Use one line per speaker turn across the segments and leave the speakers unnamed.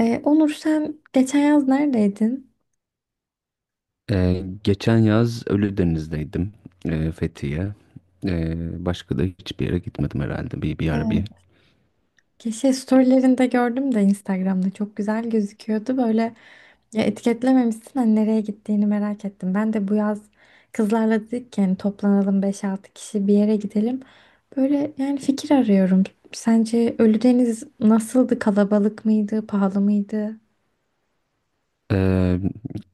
Onur, sen geçen yaz neredeydin?
Geçen yaz Ölüdeniz'deydim, Fethiye. Başka da hiçbir yere gitmedim herhalde bir ara
Evet.
bir.
Şey, storylerinde gördüm de, Instagram'da çok güzel gözüküyordu. Böyle, ya, etiketlememişsin, hani nereye gittiğini merak ettim. Ben de bu yaz kızlarla dedik ki, yani toplanalım, beş altı kişi bir yere gidelim. Böyle yani fikir arıyorum. Sence Ölüdeniz nasıldı? Kalabalık mıydı? Pahalı mıydı?
Ee,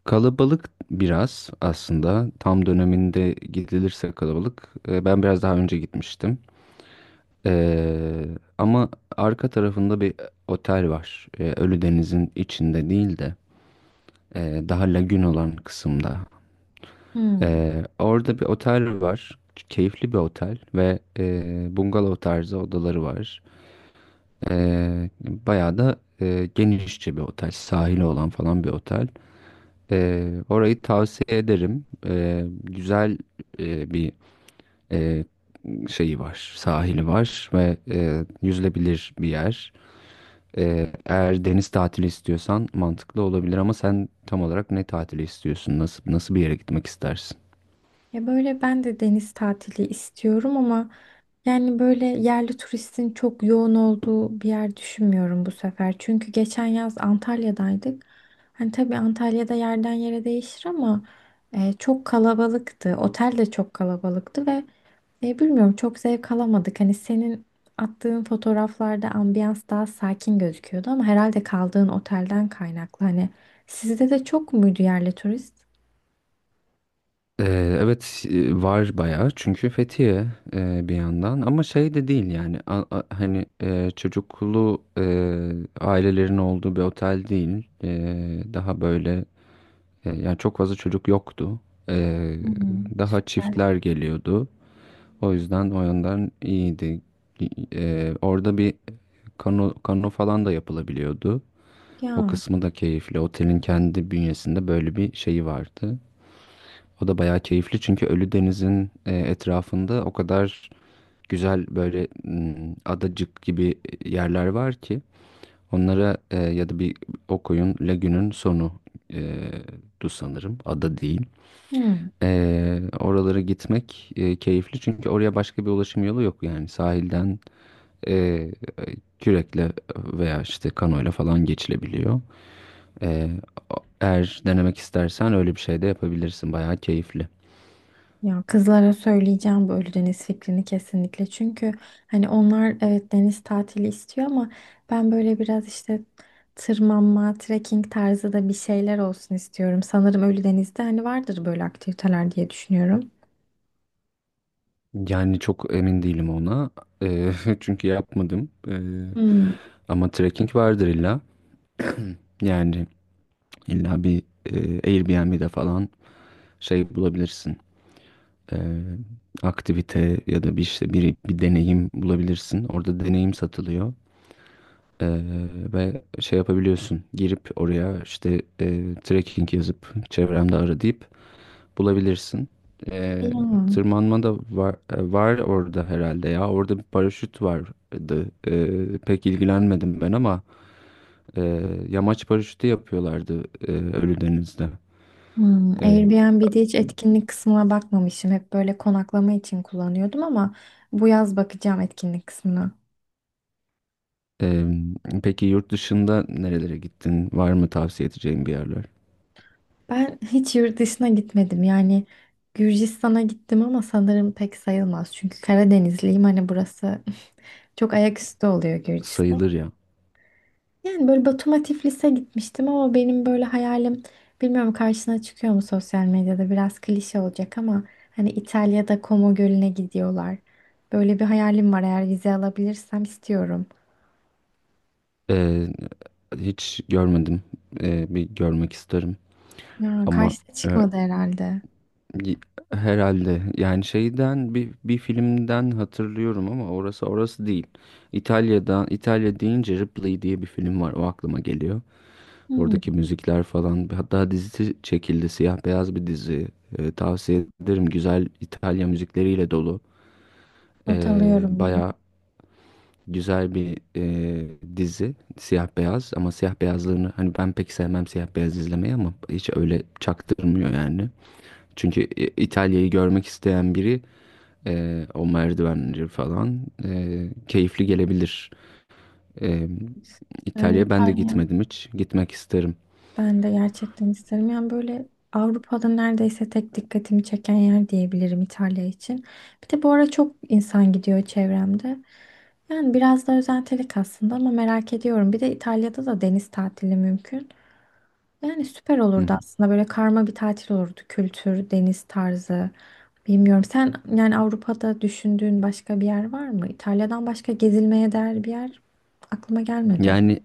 Kalabalık biraz aslında. Tam döneminde gidilirse kalabalık. Ben biraz daha önce gitmiştim. Ee, Ama arka tarafında bir otel var. Ölüdeniz'in içinde değil de daha lagün olan kısımda.
Hmm.
Orada bir otel var. Keyifli bir otel ve bungalov tarzı odaları var. Bayağı da genişçe bir otel. Sahili olan falan bir otel. Orayı tavsiye ederim. Güzel bir e, şeyi var. Sahili var ve yüzülebilir bir yer. Eğer deniz tatili istiyorsan mantıklı olabilir ama sen tam olarak ne tatili istiyorsun? Nasıl bir yere gitmek istersin?
Ya böyle ben de deniz tatili istiyorum ama yani böyle yerli turistin çok yoğun olduğu bir yer düşünmüyorum bu sefer. Çünkü geçen yaz Antalya'daydık. Hani tabii Antalya'da yerden yere değişir ama çok kalabalıktı. Otel de çok kalabalıktı ve bilmiyorum, çok zevk alamadık. Hani senin attığın fotoğraflarda ambiyans daha sakin gözüküyordu ama herhalde kaldığın otelden kaynaklı. Hani sizde de çok muydu yerli turist?
Evet, var bayağı çünkü Fethiye bir yandan, ama şey de değil yani hani çocuklu ailelerin olduğu bir otel değil. Daha böyle yani çok fazla çocuk yoktu. E,
Hı hı.
Daha
Süper.
çiftler geliyordu, o yüzden o yandan iyiydi. Orada bir kano falan da yapılabiliyordu. O
Ya.
kısmı da keyifli, otelin kendi bünyesinde böyle bir şeyi vardı. O da bayağı keyifli çünkü Ölüdeniz'in etrafında o kadar güzel böyle adacık gibi yerler var ki onlara, ya da bir o koyun lagünün sonu e, du sanırım, ada değil.
Hı.
Oralara gitmek keyifli çünkü oraya başka bir ulaşım yolu yok, yani sahilden e, kürekle veya işte kanoyla falan geçilebiliyor. E, Eğer denemek istersen öyle bir şey de yapabilirsin, bayağı keyifli.
Ya kızlara söyleyeceğim böyle deniz fikrini kesinlikle. Çünkü hani onlar evet deniz tatili istiyor ama ben böyle biraz işte tırmanma, trekking tarzı da bir şeyler olsun istiyorum. Sanırım Ölüdeniz'de hani vardır böyle aktiviteler diye düşünüyorum.
Yani çok emin değilim ona. Eee, çünkü yapmadım.
Hmm.
Ama trekking vardır illa. Yani illa bir Airbnb'de falan şey bulabilirsin. Eee, Aktivite ya da bir işte bir deneyim bulabilirsin. Orada deneyim satılıyor. Eee, Ve şey yapabiliyorsun. Girip oraya işte trekking yazıp çevremde ara deyip bulabilirsin. Ee,
Hmm.
Tırmanma da var orada herhalde ya. Orada bir paraşüt vardı. Pek ilgilenmedim ben ama e, yamaç paraşütü yapıyorlardı Ölüdeniz'de.
Hmm.
Ee,
Airbnb'de hiç etkinlik kısmına bakmamışım. Hep böyle konaklama için kullanıyordum ama bu yaz bakacağım etkinlik kısmına.
e, peki yurt dışında nerelere gittin? Var mı tavsiye edeceğin bir yerler?
Ben hiç yurt dışına gitmedim. Yani Gürcistan'a gittim ama sanırım pek sayılmaz. Çünkü Karadenizliyim. Hani burası çok ayaküstü oluyor Gürcistan.
Sayılır ya.
Yani böyle Batum'a, Tiflis'e gitmiştim ama benim böyle hayalim, bilmiyorum karşına çıkıyor mu sosyal medyada, biraz klişe olacak ama hani İtalya'da Como Gölü'ne gidiyorlar. Böyle bir hayalim var, eğer vize alabilirsem istiyorum.
Ee, Hiç görmedim. Bir görmek isterim
Ya
ama
karşına
e,
çıkmadı herhalde.
Y- herhalde yani şeyden bir filmden hatırlıyorum ama orası değil. İtalya deyince Ripley diye bir film var, o aklıma geliyor. Oradaki
Hmm,
müzikler falan, hatta dizisi çekildi, siyah beyaz bir dizi. Tavsiye ederim, güzel, İtalya müzikleriyle dolu.
not alıyorum bunu.
Baya güzel bir dizi, siyah beyaz, ama siyah beyazlarını hani ben pek sevmem, siyah beyaz izlemeyi, ama hiç öyle çaktırmıyor yani. Çünkü İtalya'yı görmek isteyen biri, o merdivenleri falan keyifli gelebilir. Ee,
Yani
İtalya'ya ben de
İtalya.
gitmedim hiç. Gitmek isterim.
Ben de gerçekten isterim. Yani böyle Avrupa'da neredeyse tek dikkatimi çeken yer diyebilirim İtalya için. Bir de bu ara çok insan gidiyor çevremde. Yani biraz da özentelik aslında ama merak ediyorum. Bir de İtalya'da da deniz tatili mümkün. Yani süper
Hı
olurdu
hı.
aslında. Böyle karma bir tatil olurdu. Kültür, deniz tarzı. Bilmiyorum. Sen yani Avrupa'da düşündüğün başka bir yer var mı? İtalya'dan başka gezilmeye değer bir yer aklıma gelmedi.
Yani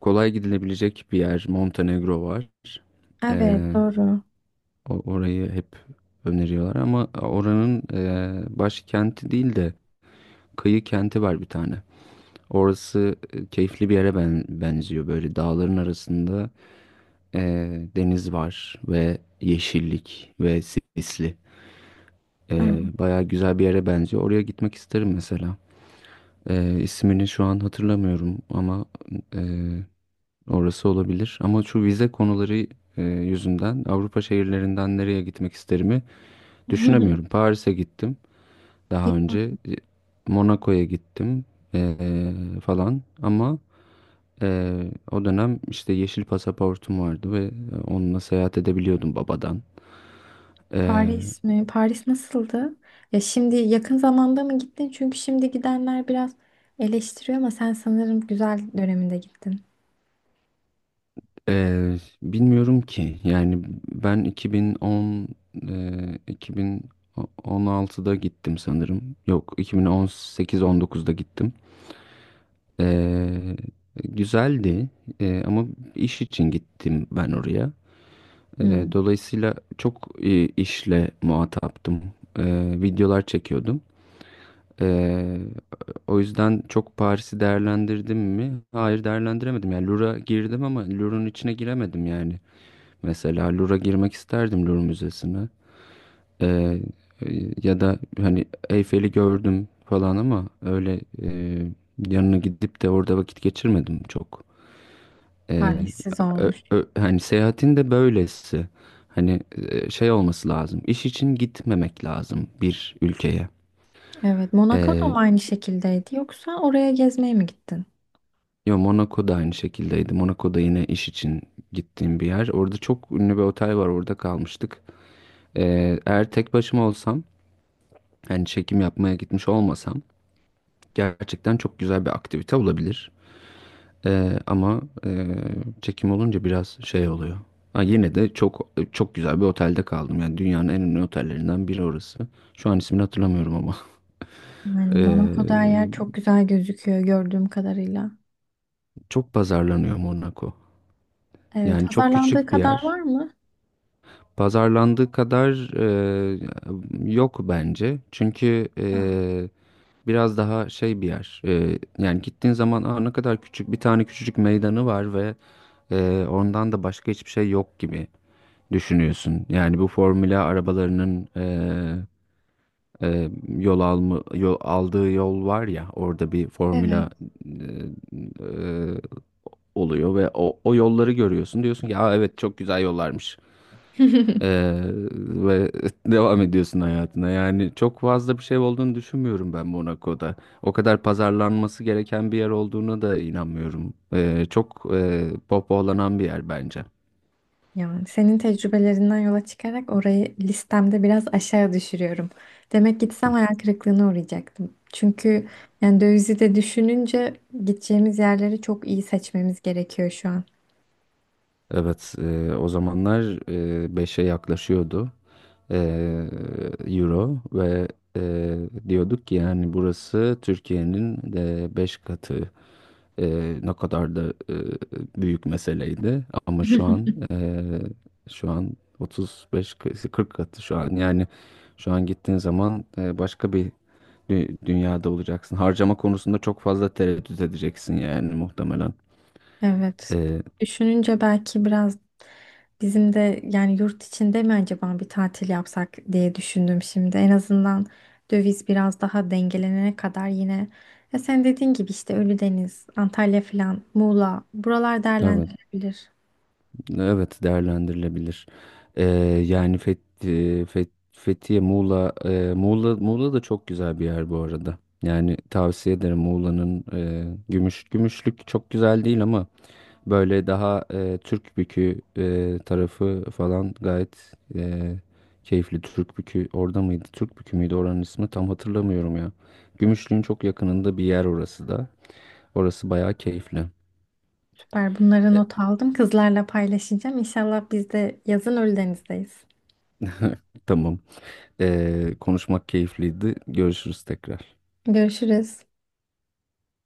kolay gidilebilecek bir yer. Montenegro var.
Evet,
Ee,
doğru.
Orayı hep öneriyorlar ama oranın başkenti değil de kıyı kenti var bir tane. Orası keyifli bir yere benziyor. Böyle dağların arasında deniz var ve yeşillik ve sisli.
Aa.
Bayağı güzel bir yere benziyor. Oraya gitmek isterim mesela. İsmini şu an hatırlamıyorum ama e, orası olabilir. Ama şu vize konuları yüzünden Avrupa şehirlerinden nereye gitmek isterimi düşünemiyorum. Paris'e gittim daha önce. Monaco'ya gittim e, falan. Ama e, o dönem işte yeşil pasaportum vardı ve onunla seyahat edebiliyordum, babadan.
Paris mi? Paris nasıldı? Ya şimdi yakın zamanda mı gittin? Çünkü şimdi gidenler biraz eleştiriyor ama sen sanırım güzel döneminde gittin.
Ee, Bilmiyorum ki. Yani ben 2010, 2016'da gittim sanırım. Yok, 2018-19'da gittim. Ee, Güzeldi. Ama iş için gittim ben oraya.
Hmm,
Dolayısıyla çok işle muhataptım. Videolar çekiyordum. Ee, O yüzden çok Paris'i değerlendirdim mi? Hayır, değerlendiremedim. Yani Louvre'a girdim ama Louvre'un içine giremedim yani. Mesela Louvre'a girmek isterdim, Louvre Müzesi'ne. Ee, Ya da hani Eyfel'i gördüm falan ama öyle yanına gidip de orada vakit geçirmedim çok. Ee,
talihsiz olmuş.
Hani seyahatin de böylesi. Hani şey olması lazım. İş için gitmemek lazım bir ülkeye.
Evet, Monaco da
Ee,
mı aynı şekildeydi yoksa oraya gezmeye mi gittin?
Yo, Monaco da aynı şekildeydi. Monaco da yine iş için gittiğim bir yer. Orada çok ünlü bir otel var. Orada kalmıştık. Eğer tek başıma olsam, yani çekim yapmaya gitmiş olmasam, gerçekten çok güzel bir aktivite olabilir. Ama çekim olunca biraz şey oluyor. Ha, yine de çok çok güzel bir otelde kaldım. Yani dünyanın en ünlü otellerinden biri orası. Şu an ismini hatırlamıyorum ama.
Yani Monaco'da her yer
Ee,
çok güzel gözüküyor gördüğüm kadarıyla.
Çok pazarlanıyor Monaco.
Evet,
Yani çok
pazarlandığı
küçük bir
kadar
yer.
var mı?
Pazarlandığı kadar yok bence. Çünkü
Ya,
biraz daha şey bir yer. Yani gittiğin zaman, aa, ne kadar küçük, bir tane küçücük meydanı var ve ondan da başka hiçbir şey yok gibi düşünüyorsun. Yani bu formula arabalarının aldığı yol var ya, orada bir
evet.
formula e, e, oluyor ve o yolları görüyorsun. Diyorsun ki ya evet, çok güzel yollarmış. Ee, Ve devam ediyorsun hayatına. Yani çok fazla bir şey olduğunu düşünmüyorum ben Monaco'da. O kadar pazarlanması gereken bir yer olduğuna da inanmıyorum. Çok pohpohlanan bir yer bence.
Yani senin tecrübelerinden yola çıkarak orayı listemde biraz aşağı düşürüyorum. Demek gitsem hayal kırıklığına uğrayacaktım. Çünkü yani dövizi de düşününce gideceğimiz yerleri çok iyi seçmemiz gerekiyor şu an.
Evet, o zamanlar 5'e yaklaşıyordu e, euro, ve e, diyorduk ki yani burası Türkiye'nin de 5 katı. Ne kadar da eee, büyük meseleydi, ama şu an, şu an 35, 40 katı şu an yani, şu an gittiğin zaman başka bir dünyada olacaksın. Harcama konusunda çok fazla tereddüt edeceksin yani muhtemelen.
Evet.
Eee,
Düşününce belki biraz bizim de yani yurt içinde mi acaba bir tatil yapsak diye düşündüm şimdi. En azından döviz biraz daha dengelenene kadar yine, ya sen dediğin gibi işte Ölüdeniz, Antalya falan, Muğla, buralar
evet,
değerlendirilebilir.
evet, değerlendirilebilir. Eee, Yani Fethiye, Muğla, Muğla da çok güzel bir yer bu arada. Yani tavsiye ederim, Muğla'nın Gümüşlük çok güzel değil ama böyle daha Türk bükü tarafı falan gayet keyifli. Türk bükü orada mıydı? Türk bükü müydü oranın ismi? Tam hatırlamıyorum ya. Gümüşlüğün çok yakınında bir yer orası da. Orası bayağı keyifli.
Süper. Bunları not aldım. Kızlarla paylaşacağım. İnşallah biz de yazın Ölüdeniz'deyiz.
Tamam. Konuşmak keyifliydi. Görüşürüz tekrar.
Görüşürüz.